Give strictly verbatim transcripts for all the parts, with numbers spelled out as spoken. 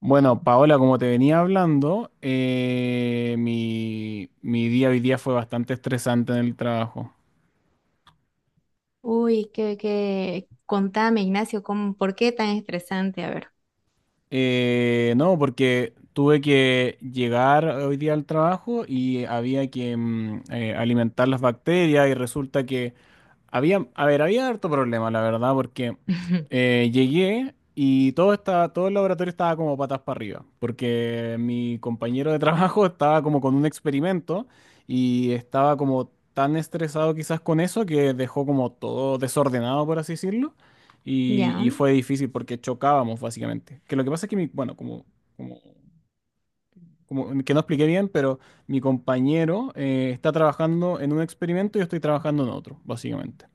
Bueno, Paola, como te venía hablando, eh, mi, mi día hoy día fue bastante estresante en el trabajo. Uy, que, que, contame, Ignacio, ¿cómo, por qué tan estresante? A ver. Eh, no, porque tuve que llegar hoy día al trabajo y había que mm, eh, alimentar las bacterias y resulta que había, a ver, había harto problema, la verdad, porque eh, llegué y todo estaba, todo el laboratorio estaba como patas para arriba, porque mi compañero de trabajo estaba como con un experimento y estaba como tan estresado quizás con eso que dejó como todo desordenado, por así decirlo. Y, Ya. y fue difícil porque chocábamos, básicamente. Que lo que pasa es que, mi, bueno, como, como, como que no expliqué bien, pero mi compañero eh, está trabajando en un experimento y yo estoy trabajando en otro, básicamente.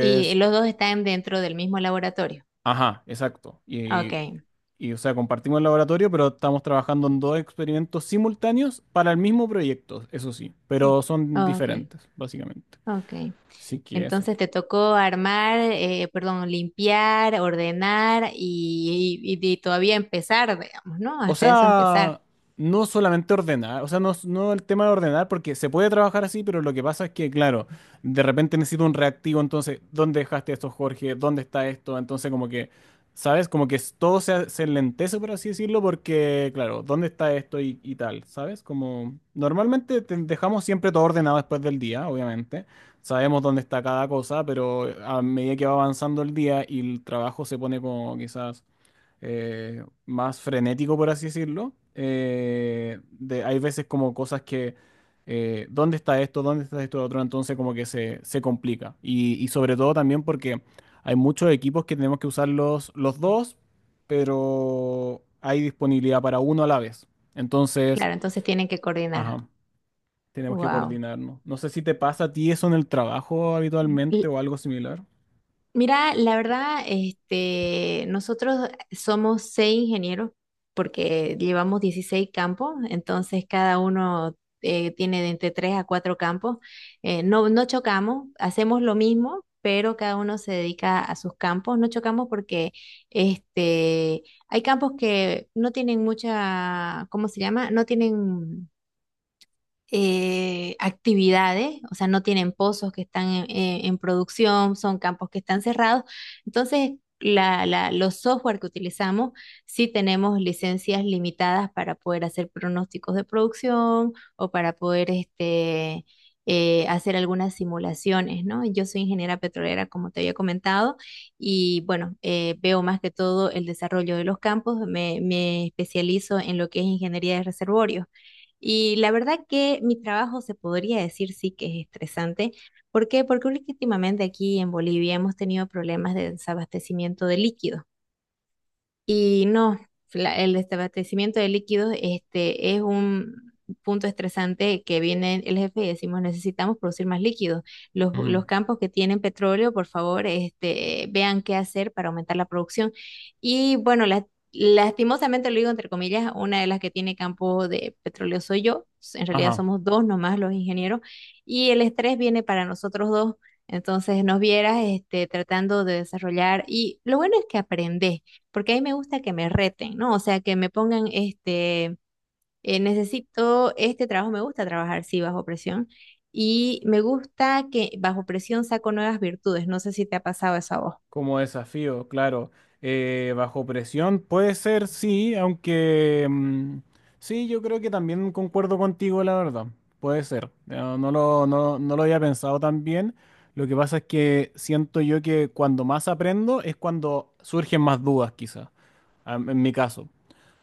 ¿Y los dos están dentro del mismo laboratorio? ajá, exacto. Ah, Y, ok. y, o sea, compartimos el laboratorio, pero estamos trabajando en dos experimentos simultáneos para el mismo proyecto, eso sí, pero son Ah, ok, diferentes, básicamente. ok. Así que eso. Entonces te tocó armar, eh, perdón, limpiar, ordenar y, y- y todavía empezar, digamos, ¿no? O Hasta eso empezar. sea, no solamente ordenar, o sea, no, no el tema de ordenar, porque se puede trabajar así, pero lo que pasa es que, claro, de repente necesito un reactivo, entonces, ¿dónde dejaste esto, Jorge? ¿Dónde está esto? Entonces, como que, ¿sabes? Como que es- todo se, se enlentece, por así decirlo, porque, claro, ¿dónde está esto y, y tal? ¿Sabes? Como, normalmente te- dejamos siempre todo ordenado después del día, obviamente. Sabemos dónde está cada cosa, pero a medida que va avanzando el día y el trabajo se pone como quizás eh, más frenético, por así decirlo. Eh, de, hay veces como cosas que, eh, ¿dónde está esto? ¿Dónde está esto otro? Entonces como que se, se complica. Y, y sobre todo también porque hay muchos equipos que tenemos que usar los, los dos, pero hay disponibilidad para uno a la vez. Entonces, Claro, entonces tienen que coordinar. ajá, tenemos que Wow. coordinarnos. No sé si te pasa a ti eso en el trabajo habitualmente o algo similar. Mira, la verdad, este, nosotros somos seis ingenieros porque llevamos dieciséis campos, entonces cada uno eh, tiene de entre tres a cuatro campos. Eh, no, no chocamos, hacemos lo mismo, pero cada uno se dedica a sus campos. No chocamos porque este, hay campos que no tienen mucha, ¿cómo se llama? No tienen eh, actividades, o sea, no tienen pozos que están en, en- en producción, son campos que están cerrados. Entonces, la, la- los software que utilizamos, sí tenemos licencias limitadas para poder hacer pronósticos de producción o para poder este, eh, hacer algunas simulaciones, ¿no? Yo soy ingeniera petrolera, como te había comentado, y bueno, eh, veo más que todo el desarrollo de los campos, me, me especializo en lo que es ingeniería de reservorios. Y la verdad que mi trabajo se podría decir sí que es estresante. ¿Por qué? Porque últimamente aquí en Bolivia hemos tenido problemas de desabastecimiento de líquidos. Y no, la- el desabastecimiento de líquidos este, es un punto estresante que viene el jefe y decimos necesitamos producir más líquidos. Los, Ujú. Los campos que tienen petróleo, por favor, este, vean qué hacer para aumentar la producción. Y bueno, la- lastimosamente lo digo entre comillas, una de las que tiene campo de petróleo soy yo. En realidad Ajá. somos dos nomás los ingenieros y el estrés viene para nosotros dos. Entonces nos vieras este, tratando de desarrollar, y lo bueno es que aprendes porque a mí me gusta que me reten, ¿no? O sea, que me pongan, este, eh, necesito este trabajo, me gusta trabajar, sí, bajo presión, y me gusta que bajo presión saco nuevas virtudes. No sé si te ha pasado eso a vos. Como desafío, claro. Eh, bajo presión puede ser, sí, aunque mm, sí, yo creo que también concuerdo contigo, la verdad. Puede ser. No, no lo, no, no lo había pensado tan bien. Lo que pasa es que siento yo que cuando más aprendo es cuando surgen más dudas, quizás, am- en mi caso.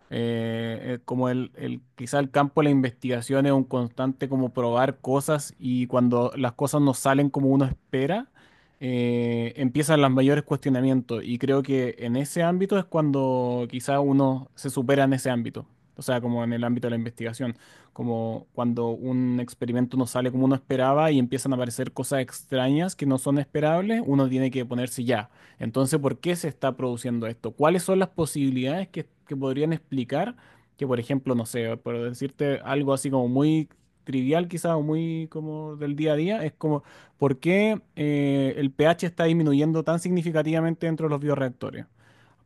Eh, eh, como el, el- quizá el campo de la investigación es un constante como probar cosas y cuando las cosas no salen como uno espera, eh, empiezan los mayores cuestionamientos y creo que en ese ámbito es cuando quizá uno se supera en ese ámbito, o sea, como en el ámbito de la investigación, como cuando un experimento no sale como uno esperaba y empiezan a aparecer cosas extrañas que no son esperables, uno tiene que ponerse ya. Entonces, ¿por qué se está produciendo esto? ¿Cuáles son las posibilidades que, que podrían explicar que, por ejemplo, no sé, por decirte algo así como muy trivial quizás o muy como del día a día, es como, ¿por qué eh, el pH está disminuyendo tan significativamente dentro de los bioreactores?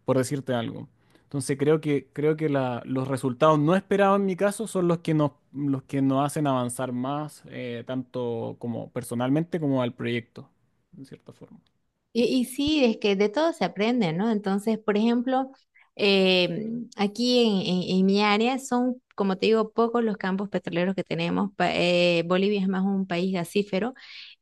Por decirte algo. Entonces, creo que, creo que la- los resultados no esperados en mi caso son los que nos, los que nos hacen avanzar más, eh, tanto como personalmente como al proyecto, en cierta forma. Y, y sí, es que de todo se aprende, ¿no? Entonces, por ejemplo, em, aquí en, en- en mi área son, como te digo, pocos los campos petroleros que tenemos. Pa- eh, Bolivia es más un país gasífero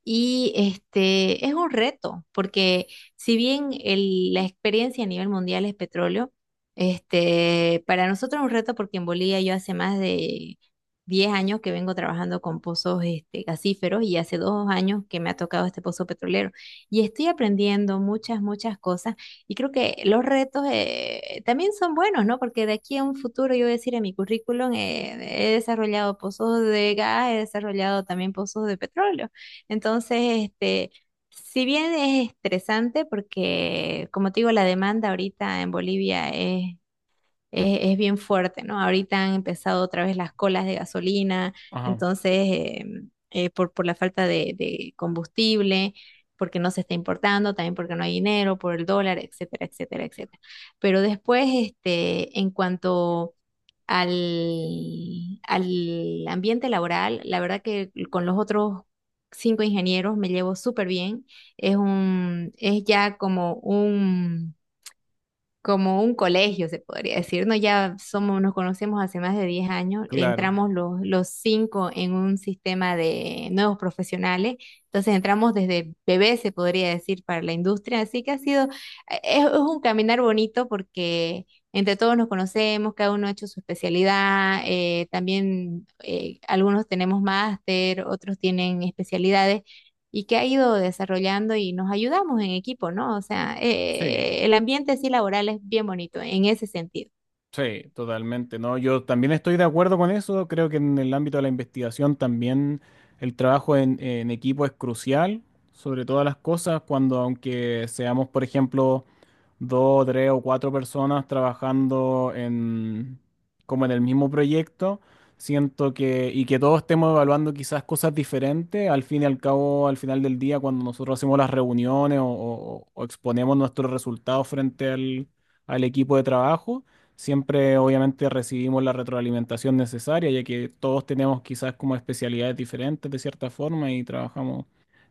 y este es un reto, porque si bien el- la experiencia a nivel mundial es petróleo, este, para nosotros es un reto porque en Bolivia yo hace más de diez años que vengo trabajando con pozos este, gasíferos, y hace dos años que me ha tocado este pozo petrolero y estoy aprendiendo muchas, muchas cosas, y creo que los retos eh, también son buenos, ¿no? Porque de aquí a un futuro yo voy a decir en mi currículum, eh, he desarrollado pozos de gas, he desarrollado también pozos de petróleo. Entonces, este... Si bien es estresante porque, como te digo, la demanda ahorita en Bolivia es es, es bien fuerte, ¿no? Ahorita han empezado otra vez las colas de gasolina, Ajá, entonces, eh, eh, por, por la falta de, de combustible, porque no se está importando, también porque no hay dinero, por el dólar, etcétera, etcétera, etcétera. Pero después, este, en cuanto al, al ambiente laboral, la verdad que con los otros cinco ingenieros me llevo súper bien. Es un, es ya como un como un colegio, se podría decir, ¿no? Ya somos, nos conocemos hace más de diez años, claro. entramos los, los cinco en un sistema de nuevos profesionales, entonces entramos desde bebés, se podría decir, para la industria, así que ha sido, eh, es, es un caminar bonito porque entre todos nos conocemos, cada uno ha hecho su especialidad, eh, también eh, algunos tenemos máster, otros tienen especialidades y que ha ido desarrollando, y nos ayudamos en equipo, ¿no? O sea, Sí, eh, el ambiente sí laboral es bien bonito en ese sentido. sí, totalmente. No, yo también estoy de acuerdo con eso. Creo que en el ámbito de la investigación también el trabajo en, en equipo es crucial, sobre todas las cosas, cuando aunque seamos, por ejemplo, dos, tres o cuatro personas trabajando en como en el mismo proyecto, siento que y que todos estemos evaluando quizás cosas diferentes, al fin y al cabo, al final del día, cuando nosotros hacemos las reuniones o, o o exponemos nuestros resultados frente al al equipo de trabajo. Siempre, obviamente, recibimos la retroalimentación necesaria, ya que todos tenemos quizás como especialidades diferentes de cierta forma y trabajamos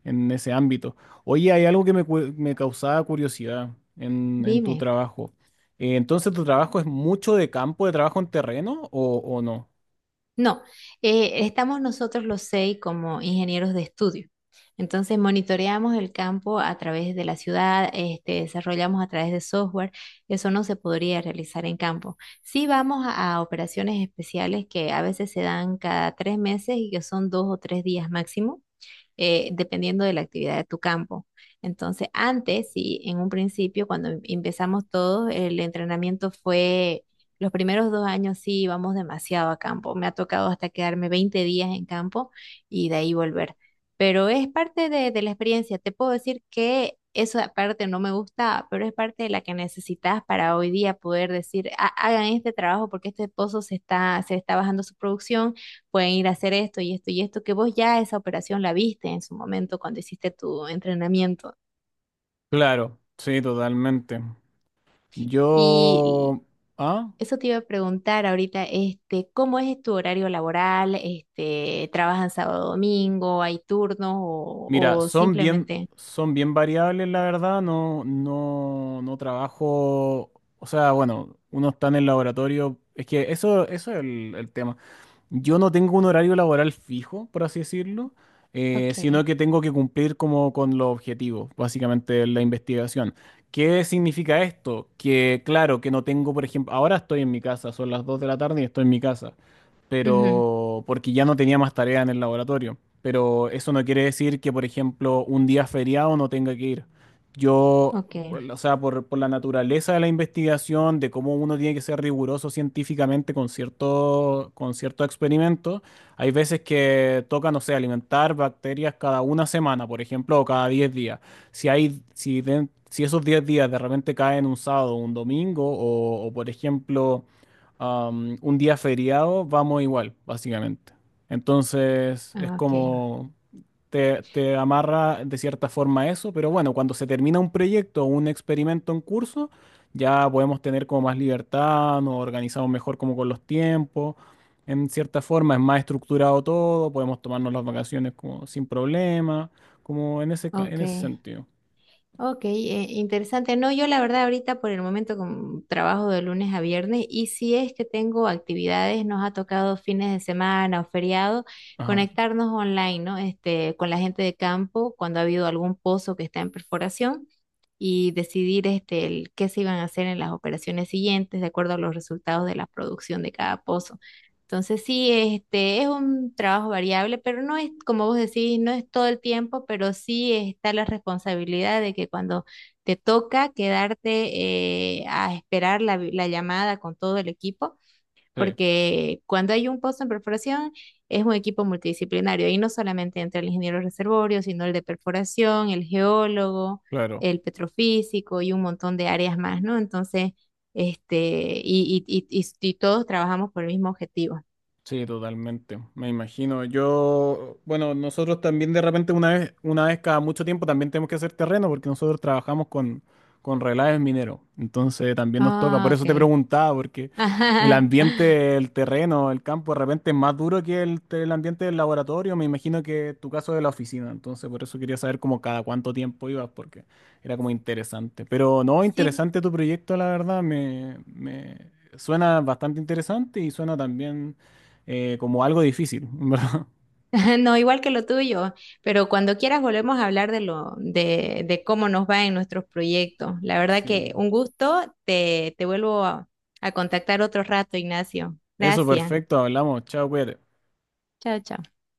en ese ámbito. Oye, hay algo que me, cu- me causaba curiosidad en, en tu Dime. trabajo. Eh, entonces, ¿tu trabajo es mucho de campo, de trabajo en terreno o, o no? No, eh, estamos nosotros los seis como ingenieros de estudio. Entonces monitoreamos el campo a través de la ciudad, este, desarrollamos a través de software. Eso no se podría realizar en campo. Sí vamos a, a operaciones especiales que a veces se dan cada tres meses y que son dos o tres días máximo, eh, dependiendo de la actividad de tu campo. Entonces, antes, sí, en un principio, cuando em- empezamos todos, el entrenamiento fue, los primeros dos años sí íbamos demasiado a campo. Me ha tocado hasta quedarme veinte días en campo y de ahí volver. Pero es parte de, de la experiencia. Te puedo decir que eso aparte no me gustaba, pero es parte de la que necesitas para hoy día poder decir, "Ha- hagan este trabajo porque este pozo se está, se está bajando su producción, pueden ir a hacer esto y esto y esto, que vos ya esa operación la viste en su momento cuando hiciste tu entrenamiento". Claro, sí, totalmente. Y Yo... ¿Ah? eso te iba a preguntar ahorita, este, ¿cómo es tu horario laboral? Este, ¿trabajan sábado, domingo? ¿Hay turnos o, Mira, o son bien, simplemente? son bien variables, la verdad. No, no, no trabajo. O sea, bueno, uno está en el laboratorio. Es que eso, eso es el, el tema. Yo no tengo un horario laboral fijo, por así decirlo, eh, sino Ok. que tengo que cumplir como con los objetivos, básicamente la investigación. ¿Qué significa esto? Que claro, que no tengo, por ejemplo, ahora estoy en mi casa, son las dos de la tarde y estoy en mi casa Ujú. pero porque ya no tenía más tarea en el laboratorio. Pero eso no quiere decir que, por ejemplo, un día feriado no tenga que ir. Yo, Ok. o sea, por, por la naturaleza de la investigación, de cómo uno tiene que ser riguroso científicamente con cierto, con cierto experimento, hay veces que toca, no sé, alimentar bacterias cada una semana, por ejemplo, o cada diez días. Si hay, si, den- si esos diez días de repente caen un sábado o un domingo, o o, por ejemplo am, un día feriado, vamos igual, básicamente. Entonces es Ah, ok. como te, te amarra de cierta forma a eso, pero bueno, cuando se termina un proyecto o un experimento en curso, ya podemos tener como más libertad, nos organizamos mejor como con los tiempos. En cierta forma es más estructurado todo, podemos tomarnos las vacaciones como sin problema, como en ese, ca- en Ok. ese sentido. Ok, eh, interesante. No, yo la verdad ahorita por el momento como trabajo de lunes a viernes, y si es que tengo actividades, nos ha tocado fines de semana o feriado Ajá, conectarnos online, ¿no? Este, con la gente de campo cuando ha habido algún pozo que está en perforación, y decidir este, el, qué se iban a hacer en las operaciones siguientes de acuerdo a los resultados de la producción de cada pozo. Entonces sí, este es un trabajo variable, pero no es, como vos decís, no es todo el tiempo, pero sí está la responsabilidad de que cuando te toca quedarte, eh, a esperar la, vi- la llamada con todo el equipo, sí, porque cuando hay un puesto en perforación es un equipo multidisciplinario y no solamente entre el ingeniero reservorio, sino el de perforación, el geólogo, claro. el petrofísico y un montón de áreas más, ¿no? Entonces, este, y, y y- y- y todos trabajamos por el mismo objetivo. Sí, totalmente, me imagino. Yo, bueno, nosotros también de repente una vez, una vez cada mucho tiempo también tenemos que hacer terreno porque nosotros trabajamos con, con relaves mineros. Entonces también nos toca, por Ah, eso te ok. preguntaba, porque el Ajá. ambiente, el terreno, el campo de repente es más duro que el, te- el ambiente del laboratorio. Me imagino que tu caso de la oficina. Entonces por eso quería saber como cada cuánto tiempo ibas, porque era como interesante. Pero no, Sí, interesante tu proyecto, la verdad, me, me suena bastante interesante y suena también eh, como algo difícil, ¿verdad? no, igual que lo tuyo, pero cuando quieras volvemos a hablar de lo, de, de cómo nos va en nuestros proyectos. La verdad que Sí. un gusto, te, te vuelvo a, a contactar otro rato, Ignacio. Eso, Gracias. perfecto, hablamos. Chao, cuídate. Chao, chao.